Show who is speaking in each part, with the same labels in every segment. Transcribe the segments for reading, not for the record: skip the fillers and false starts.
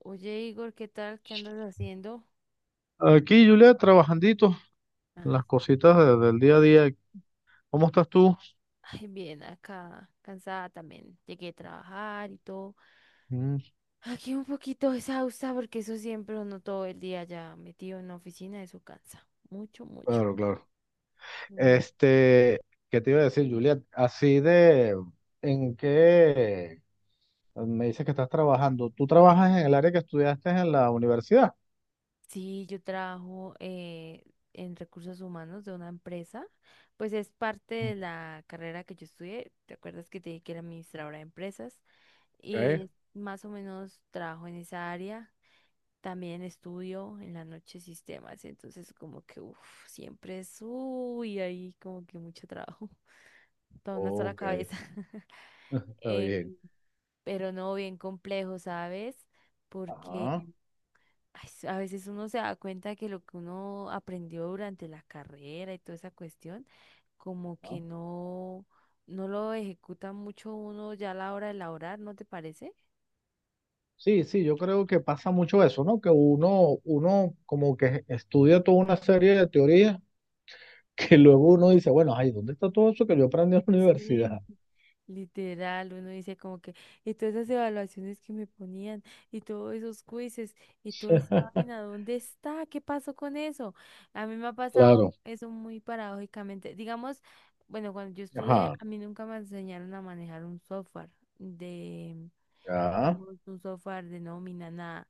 Speaker 1: Oye, Igor, ¿qué tal? ¿Qué andas haciendo?
Speaker 2: Aquí, Julia, trabajandito,
Speaker 1: Ah,
Speaker 2: las
Speaker 1: sí.
Speaker 2: cositas del día a día. ¿Cómo estás tú?
Speaker 1: Ay, bien, acá, cansada también. Llegué a trabajar y todo.
Speaker 2: Mm,
Speaker 1: Aquí un poquito exhausta porque eso siempre uno todo el día ya metido en la oficina, eso cansa. Mucho, mucho.
Speaker 2: claro, claro.
Speaker 1: Mm.
Speaker 2: Este, ¿Qué te iba a decir, Juliet? Así de, ¿en qué me dices que estás trabajando? ¿Tú trabajas en el área que estudiaste en la universidad?
Speaker 1: Sí, yo trabajo en recursos humanos de una empresa. Pues es parte de la carrera que yo estudié. ¿Te acuerdas que te dije que era administradora de empresas?
Speaker 2: Ok.
Speaker 1: Y más o menos trabajo en esa área. También estudio en la noche sistemas, entonces como que siempre es, uy, ahí como que mucho trabajo, toda una sola
Speaker 2: Ok,
Speaker 1: cabeza.
Speaker 2: está bien.
Speaker 1: Eh, pero no bien complejo, ¿sabes?
Speaker 2: Ajá.
Speaker 1: Porque ay, a veces uno se da cuenta que lo que uno aprendió durante la carrera y toda esa cuestión, como que
Speaker 2: Ajá.
Speaker 1: no, no lo ejecuta mucho uno ya a la hora de laborar, ¿no te parece?
Speaker 2: Sí, sí, yo creo que pasa mucho eso, ¿no? Que uno como que estudia toda una serie de teorías que luego uno dice, bueno, ay, ¿dónde está todo eso que yo aprendí en la
Speaker 1: Sí,
Speaker 2: universidad?
Speaker 1: literal, uno dice como que, y todas esas evaluaciones que me ponían, y todos esos quizzes, y toda esa vaina, ¿dónde está? ¿Qué pasó con eso? A mí me ha pasado
Speaker 2: Claro,
Speaker 1: eso muy paradójicamente. Digamos, bueno, cuando yo estudié,
Speaker 2: ajá,
Speaker 1: a mí nunca me enseñaron a manejar un software,
Speaker 2: ya,
Speaker 1: digamos, un software de nómina, nada.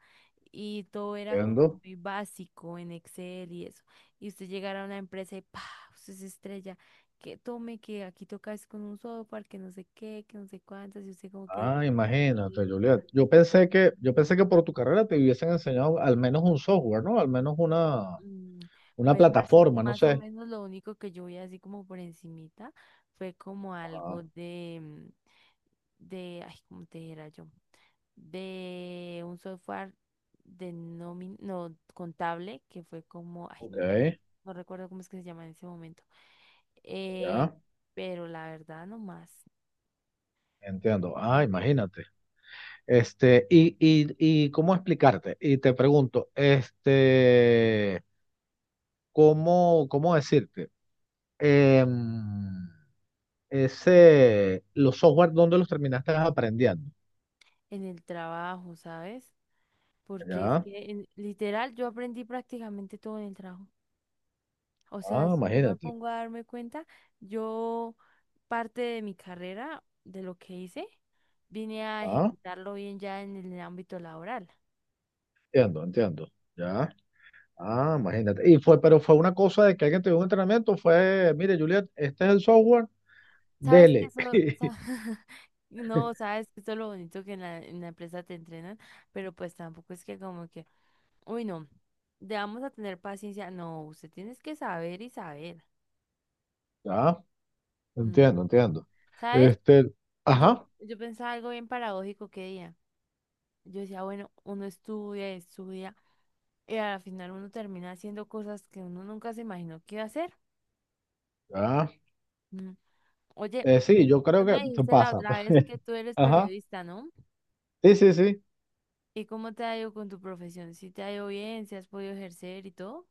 Speaker 1: Y todo era como
Speaker 2: entiendo.
Speaker 1: muy básico en Excel y eso. Y usted llegara a una empresa y ¡pa! Usted se estrella. Que tome, que aquí tocas con un software, que no sé qué, que no sé cuántas. Y usted como que,
Speaker 2: Ah,
Speaker 1: "Uy,
Speaker 2: imagínate, Juliet.
Speaker 1: venga.
Speaker 2: Yo pensé que por tu carrera te hubiesen enseñado al menos un software, ¿no? Al menos
Speaker 1: Mm,
Speaker 2: una
Speaker 1: Pues
Speaker 2: plataforma, no
Speaker 1: más o
Speaker 2: sé.
Speaker 1: menos lo único que yo vi así como por encimita fue como
Speaker 2: Ah,
Speaker 1: algo de, de, ay, ¿cómo te dijera yo? De un software no, contable, que fue como, ay,
Speaker 2: ok,
Speaker 1: no no recuerdo cómo es que se llama en ese momento. Eh,
Speaker 2: ya,
Speaker 1: pero la verdad,
Speaker 2: entiendo.
Speaker 1: no
Speaker 2: Ah,
Speaker 1: más
Speaker 2: imagínate. Y, y cómo explicarte, y te pregunto, ¿cómo, cómo decirte? Em, ese, los software, ¿dónde los terminaste aprendiendo?
Speaker 1: en el trabajo, ¿sabes? Porque es
Speaker 2: Ya.
Speaker 1: que literal yo aprendí prácticamente todo en el trabajo. O sea,
Speaker 2: Ah,
Speaker 1: si yo me
Speaker 2: imagínate.
Speaker 1: pongo a darme cuenta, yo parte de mi carrera, de lo que hice, vine a
Speaker 2: Ah,
Speaker 1: ejecutarlo bien ya en el ámbito laboral.
Speaker 2: entiendo, entiendo. Ya. Ah, imagínate. Y fue, pero fue una cosa de que alguien te dio un entrenamiento, fue, mire, Juliet, este es el software,
Speaker 1: Sabes que
Speaker 2: dele.
Speaker 1: eso, no, sabes que eso es lo bonito que en la empresa te entrenan, pero pues tampoco es que como que, uy, no, te vamos a tener paciencia. No, usted tienes que saber y saber.
Speaker 2: Ya,
Speaker 1: Mm,
Speaker 2: entiendo, entiendo.
Speaker 1: ¿Sabes?
Speaker 2: Este,
Speaker 1: Yo,
Speaker 2: ajá,
Speaker 1: yo pensaba algo bien paradójico que día. Yo decía, bueno, uno estudia, y estudia, y al final uno termina haciendo cosas que uno nunca se imaginó que iba a hacer.
Speaker 2: ya.
Speaker 1: Mm, Oye,
Speaker 2: Sí, yo creo
Speaker 1: tú
Speaker 2: que
Speaker 1: me
Speaker 2: se
Speaker 1: dijiste la
Speaker 2: pasa.
Speaker 1: otra vez que tú eres
Speaker 2: Ajá.
Speaker 1: periodista, ¿no?
Speaker 2: Sí, sí, sí.
Speaker 1: ¿Y cómo te ha ido con tu profesión? ¿Si te ha ido bien? ¿Si has podido ejercer y todo?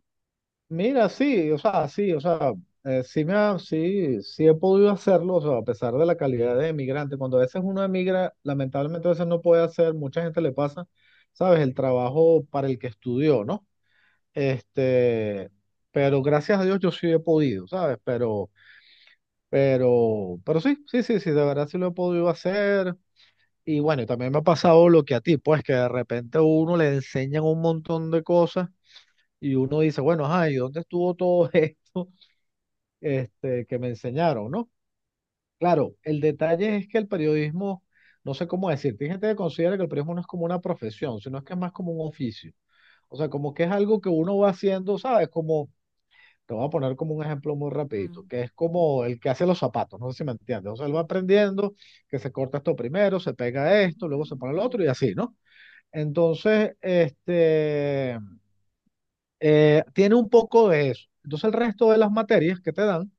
Speaker 2: Mira, sí, o sea, sí, o sea, sí, sí, sí he podido hacerlo, o sea, a pesar de la calidad de emigrante, cuando a veces uno emigra, lamentablemente a veces no puede hacer, mucha gente le pasa, sabes, el trabajo para el que estudió, ¿no? Este, pero gracias a Dios yo sí he podido, ¿sabes? Pero sí, sí, sí, sí, de verdad sí lo he podido hacer. Y bueno, y también me ha pasado lo que a ti, pues que de repente a uno le enseñan un montón de cosas y uno dice, bueno, ay, ¿dónde estuvo todo esto? Este, que me enseñaron, ¿no? Claro, el detalle es que el periodismo, no sé cómo decirte, hay gente que considera que el periodismo no es como una profesión, sino es que es más como un oficio. O sea, como que es algo que uno va haciendo, ¿sabes? Como, te voy a poner como un ejemplo muy rapidito,
Speaker 1: Mm,
Speaker 2: que es como el que hace los zapatos, no sé si me entiendes. O sea, él va
Speaker 1: sí.
Speaker 2: aprendiendo que se corta esto primero, se pega esto, luego se pone el
Speaker 1: Ujú.
Speaker 2: otro y así, ¿no? Entonces, tiene un poco de eso. Entonces el resto de las materias que te dan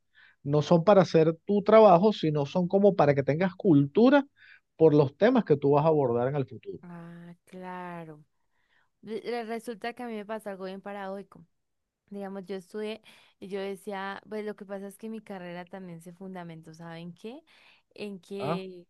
Speaker 2: no son para hacer tu trabajo, sino son como para que tengas cultura por los temas que tú vas a abordar en el futuro.
Speaker 1: Ah, claro. Resulta que a mí me pasa algo bien paradójico. Digamos, yo estudié y yo decía, pues lo que pasa es que mi carrera también se fundamentó, ¿saben qué? En
Speaker 2: Ah,
Speaker 1: que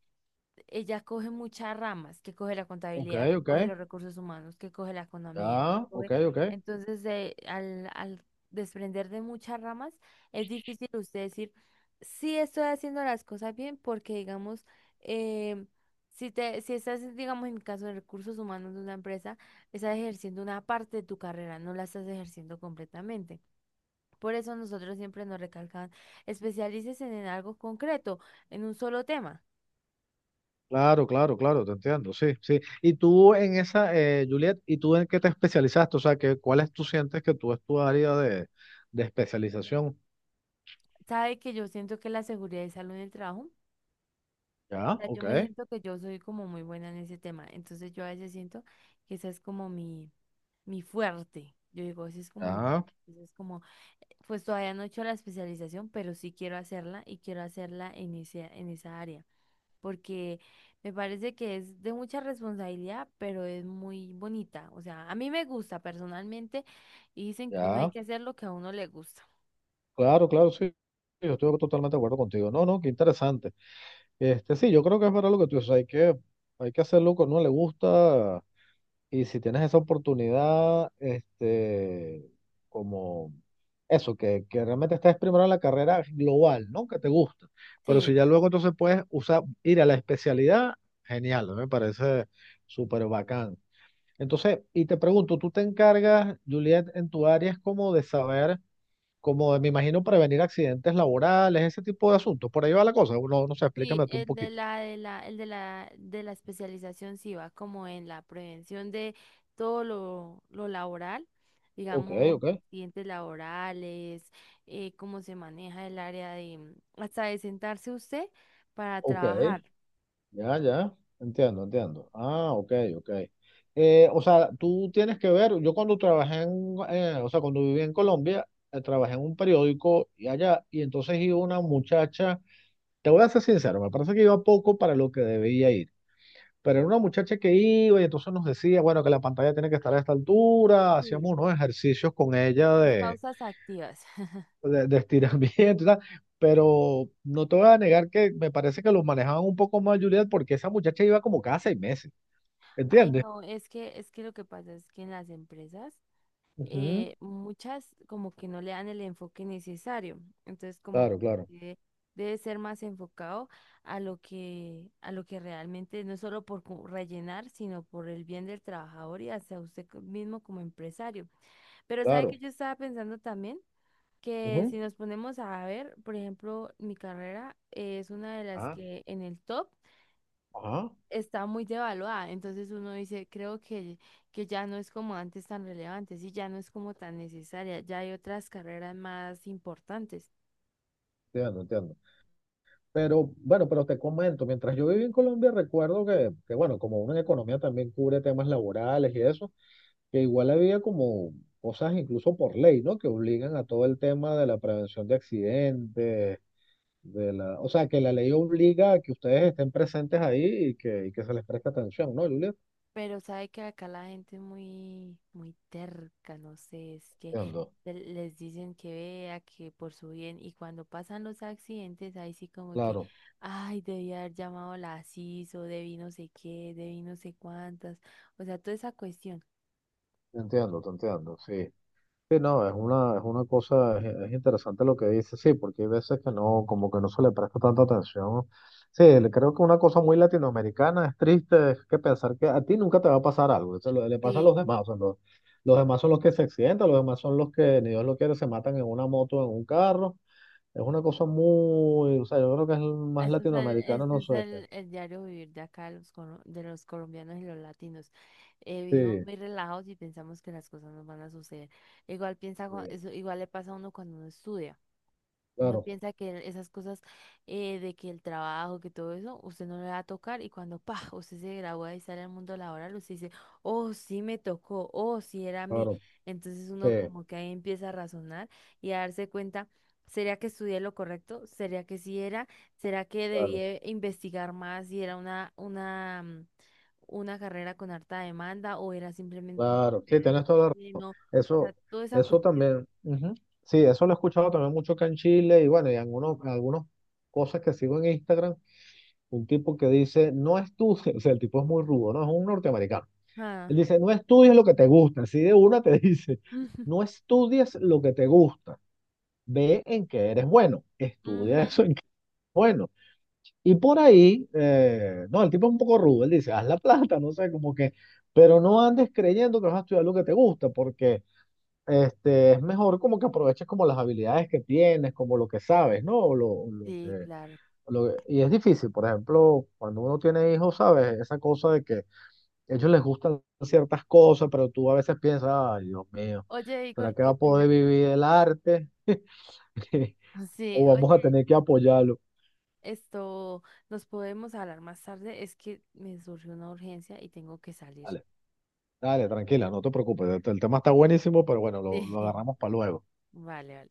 Speaker 1: ella coge muchas ramas, que coge la
Speaker 2: ok,
Speaker 1: contabilidad, que
Speaker 2: ok.
Speaker 1: coge los recursos humanos, que coge la economía, que
Speaker 2: Ah, ok,
Speaker 1: coge...
Speaker 2: ok.
Speaker 1: Entonces, al desprender de muchas ramas, es difícil usted decir, sí estoy haciendo las cosas bien, porque digamos, eh, si te, si estás, digamos, en mi caso, en recursos humanos de una empresa, estás ejerciendo una parte de tu carrera, no la estás ejerciendo completamente. Por eso nosotros siempre nos recalcan, especialícese en algo concreto, en un solo tema.
Speaker 2: Claro, claro, claro, te entiendo, sí, sí. Y tú en esa, Juliet, ¿y tú en qué te especializaste? O sea, que, ¿cuál es, tú sientes que tú es tu área de especialización?
Speaker 1: Sabe que yo siento que la seguridad y salud en el trabajo, o
Speaker 2: Ya,
Speaker 1: sea, yo
Speaker 2: ok,
Speaker 1: me siento que yo soy como muy buena en ese tema, entonces yo a veces siento que esa es como mi fuerte, yo digo, ese es como mi,
Speaker 2: ya,
Speaker 1: ese es como, pues todavía no he hecho la especialización, pero sí quiero hacerla y quiero hacerla en ese, en esa área, porque me parece que es de mucha responsabilidad, pero es muy bonita, o sea, a mí me gusta personalmente y dicen que uno hay
Speaker 2: ya.
Speaker 1: que hacer lo que a uno le gusta.
Speaker 2: Claro, claro, sí. Yo estoy totalmente de acuerdo contigo. No, no, qué interesante. Sí, yo creo que es verdad lo que tú dices, hay que hacerlo que a uno le gusta y si tienes esa oportunidad, como eso, que realmente estés primero en la carrera global, ¿no? Que te gusta. Pero si
Speaker 1: Sí,
Speaker 2: ya luego entonces puedes usar, ir a la especialidad, genial, me parece súper bacán. Entonces, y te pregunto, ¿tú te encargas, Juliet, en tu área es como de saber, como de, me imagino, prevenir accidentes laborales, ese tipo de asuntos? Por ahí va la cosa, no, no sé,
Speaker 1: sí,
Speaker 2: explícame tú un poquito.
Speaker 1: el de la especialización sí va como en la prevención de todo lo laboral,
Speaker 2: Ok,
Speaker 1: digamos,
Speaker 2: ok,
Speaker 1: accidentes laborales, cómo se maneja el área de hasta de sentarse usted para
Speaker 2: ok,
Speaker 1: trabajar.
Speaker 2: ya, ya, entiendo, entiendo. Ah, ok, ok. O sea, tú tienes que ver, yo cuando trabajé en, o sea, cuando viví en Colombia, trabajé en un periódico y allá, y entonces iba una muchacha, te voy a ser sincero, me parece que iba poco para lo que debía ir, pero era una muchacha que iba y entonces nos decía, bueno, que la pantalla tiene que estar a esta altura,
Speaker 1: Sí.
Speaker 2: hacíamos unos ejercicios con ella
Speaker 1: Las pausas activas.
Speaker 2: de estiramiento y tal, pero no te voy a negar que me parece que los manejaban un poco más, Juliet, porque esa muchacha iba como cada seis meses,
Speaker 1: Ay,
Speaker 2: ¿entiendes?
Speaker 1: no, es que lo que pasa es que en las empresas
Speaker 2: Ujú.
Speaker 1: muchas como que no le dan el enfoque necesario. Entonces, como
Speaker 2: Claro, claro,
Speaker 1: que debe ser más enfocado a lo que realmente, no solo por rellenar, sino por el bien del trabajador y hacia usted mismo como empresario. Pero sabe que
Speaker 2: claro.
Speaker 1: yo estaba pensando también que si
Speaker 2: Ujú.
Speaker 1: nos ponemos a ver, por ejemplo, mi carrera es una de las
Speaker 2: Ah,
Speaker 1: que en el top
Speaker 2: ajá.
Speaker 1: está muy devaluada. Entonces uno dice, creo que ya no es como antes tan relevante, sí, ya no es como tan necesaria, ya hay otras carreras más importantes.
Speaker 2: Entiendo, entiendo. Pero bueno, pero te comento, mientras yo viví en Colombia, recuerdo que, bueno, como una economía también cubre temas laborales y eso, que igual había como cosas incluso por ley, ¿no? Que obligan a todo el tema de la prevención de accidentes, de la, o sea, que la ley obliga a que ustedes estén presentes ahí y que se les preste atención, ¿no, Julia?
Speaker 1: Pero sabe que acá la gente es muy, muy terca, no sé, es que
Speaker 2: Entiendo,
Speaker 1: les dicen que vea, que por su bien, y cuando pasan los accidentes, ahí sí como que,
Speaker 2: claro,
Speaker 1: ay, debí haber llamado a la asis o debí no sé qué, debí no sé cuántas, o sea, toda esa cuestión.
Speaker 2: te entiendo, sí. Sí, no, es una cosa, es interesante lo que dice, sí, porque hay veces que no, como que no se le presta tanta atención. Sí, creo que una cosa muy latinoamericana es triste, es que pensar que a ti nunca te va a pasar algo, le pasa a los
Speaker 1: Sí.
Speaker 2: demás, o sea, los demás son los que se accidentan, los demás son los que, ni Dios lo quiere, se matan en una moto, en un carro, es una cosa muy, o sea, yo creo que es más latinoamericano, no sé qué.
Speaker 1: El diario vivir de acá, de los, de los colombianos y los latinos. Vivimos
Speaker 2: Sí,
Speaker 1: muy relajados y pensamos que las cosas nos van a suceder. Igual piensa,
Speaker 2: sí,
Speaker 1: eso igual le pasa a uno cuando uno estudia. Uno
Speaker 2: claro,
Speaker 1: piensa que esas cosas de que el trabajo, que todo eso, usted no le va a tocar y cuando, pa, usted se gradúa y sale al mundo laboral, usted dice, oh, sí me tocó, oh, sí era a mí.
Speaker 2: claro,
Speaker 1: Entonces
Speaker 2: sí,
Speaker 1: uno como que ahí empieza a razonar y a darse cuenta, ¿sería que estudié lo correcto? ¿Sería que sí era? ¿Será que
Speaker 2: claro,
Speaker 1: debía investigar más si era una carrera con harta demanda o era simplemente una
Speaker 2: claro. Sí,
Speaker 1: carrera de
Speaker 2: tienes toda la razón.
Speaker 1: relleno? O sea,
Speaker 2: Eso,
Speaker 1: toda esa
Speaker 2: eso
Speaker 1: cuestión.
Speaker 2: también, ujú. Sí, eso lo he escuchado también mucho acá en Chile y bueno, y algunos, algunas cosas que sigo en Instagram, un tipo que dice, no estudies, o sea, el tipo es muy rudo, ¿no? Es un norteamericano.
Speaker 1: Ah.
Speaker 2: Él dice, no estudies lo que te gusta, así de una te dice, no estudies lo que te gusta, ve en qué eres bueno,
Speaker 1: Ujú.
Speaker 2: estudia eso en qué eres bueno. Y por ahí, no, el tipo es un poco rudo, él dice, haz la plata, no sé, como que, pero no andes creyendo que vas a estudiar lo que te gusta, porque es mejor como que aproveches como las habilidades que tienes, como lo que sabes, ¿no? O lo
Speaker 1: Sí,
Speaker 2: que,
Speaker 1: claro.
Speaker 2: y es difícil, por ejemplo, cuando uno tiene hijos, ¿sabes? Esa cosa de que a ellos les gustan ciertas cosas, pero tú a veces piensas, ay, Dios mío,
Speaker 1: Oye,
Speaker 2: ¿será
Speaker 1: Igor,
Speaker 2: que va
Speaker 1: qué
Speaker 2: a
Speaker 1: pena.
Speaker 2: poder vivir el arte?
Speaker 1: Sí,
Speaker 2: ¿O vamos a
Speaker 1: oye,
Speaker 2: tener que apoyarlo?
Speaker 1: esto, nos podemos hablar más tarde. Es que me surgió una urgencia y tengo que salir.
Speaker 2: Vale. Dale, tranquila, no te preocupes. El tema está buenísimo, pero bueno, lo
Speaker 1: Sí.
Speaker 2: agarramos para luego.
Speaker 1: Vale, vale.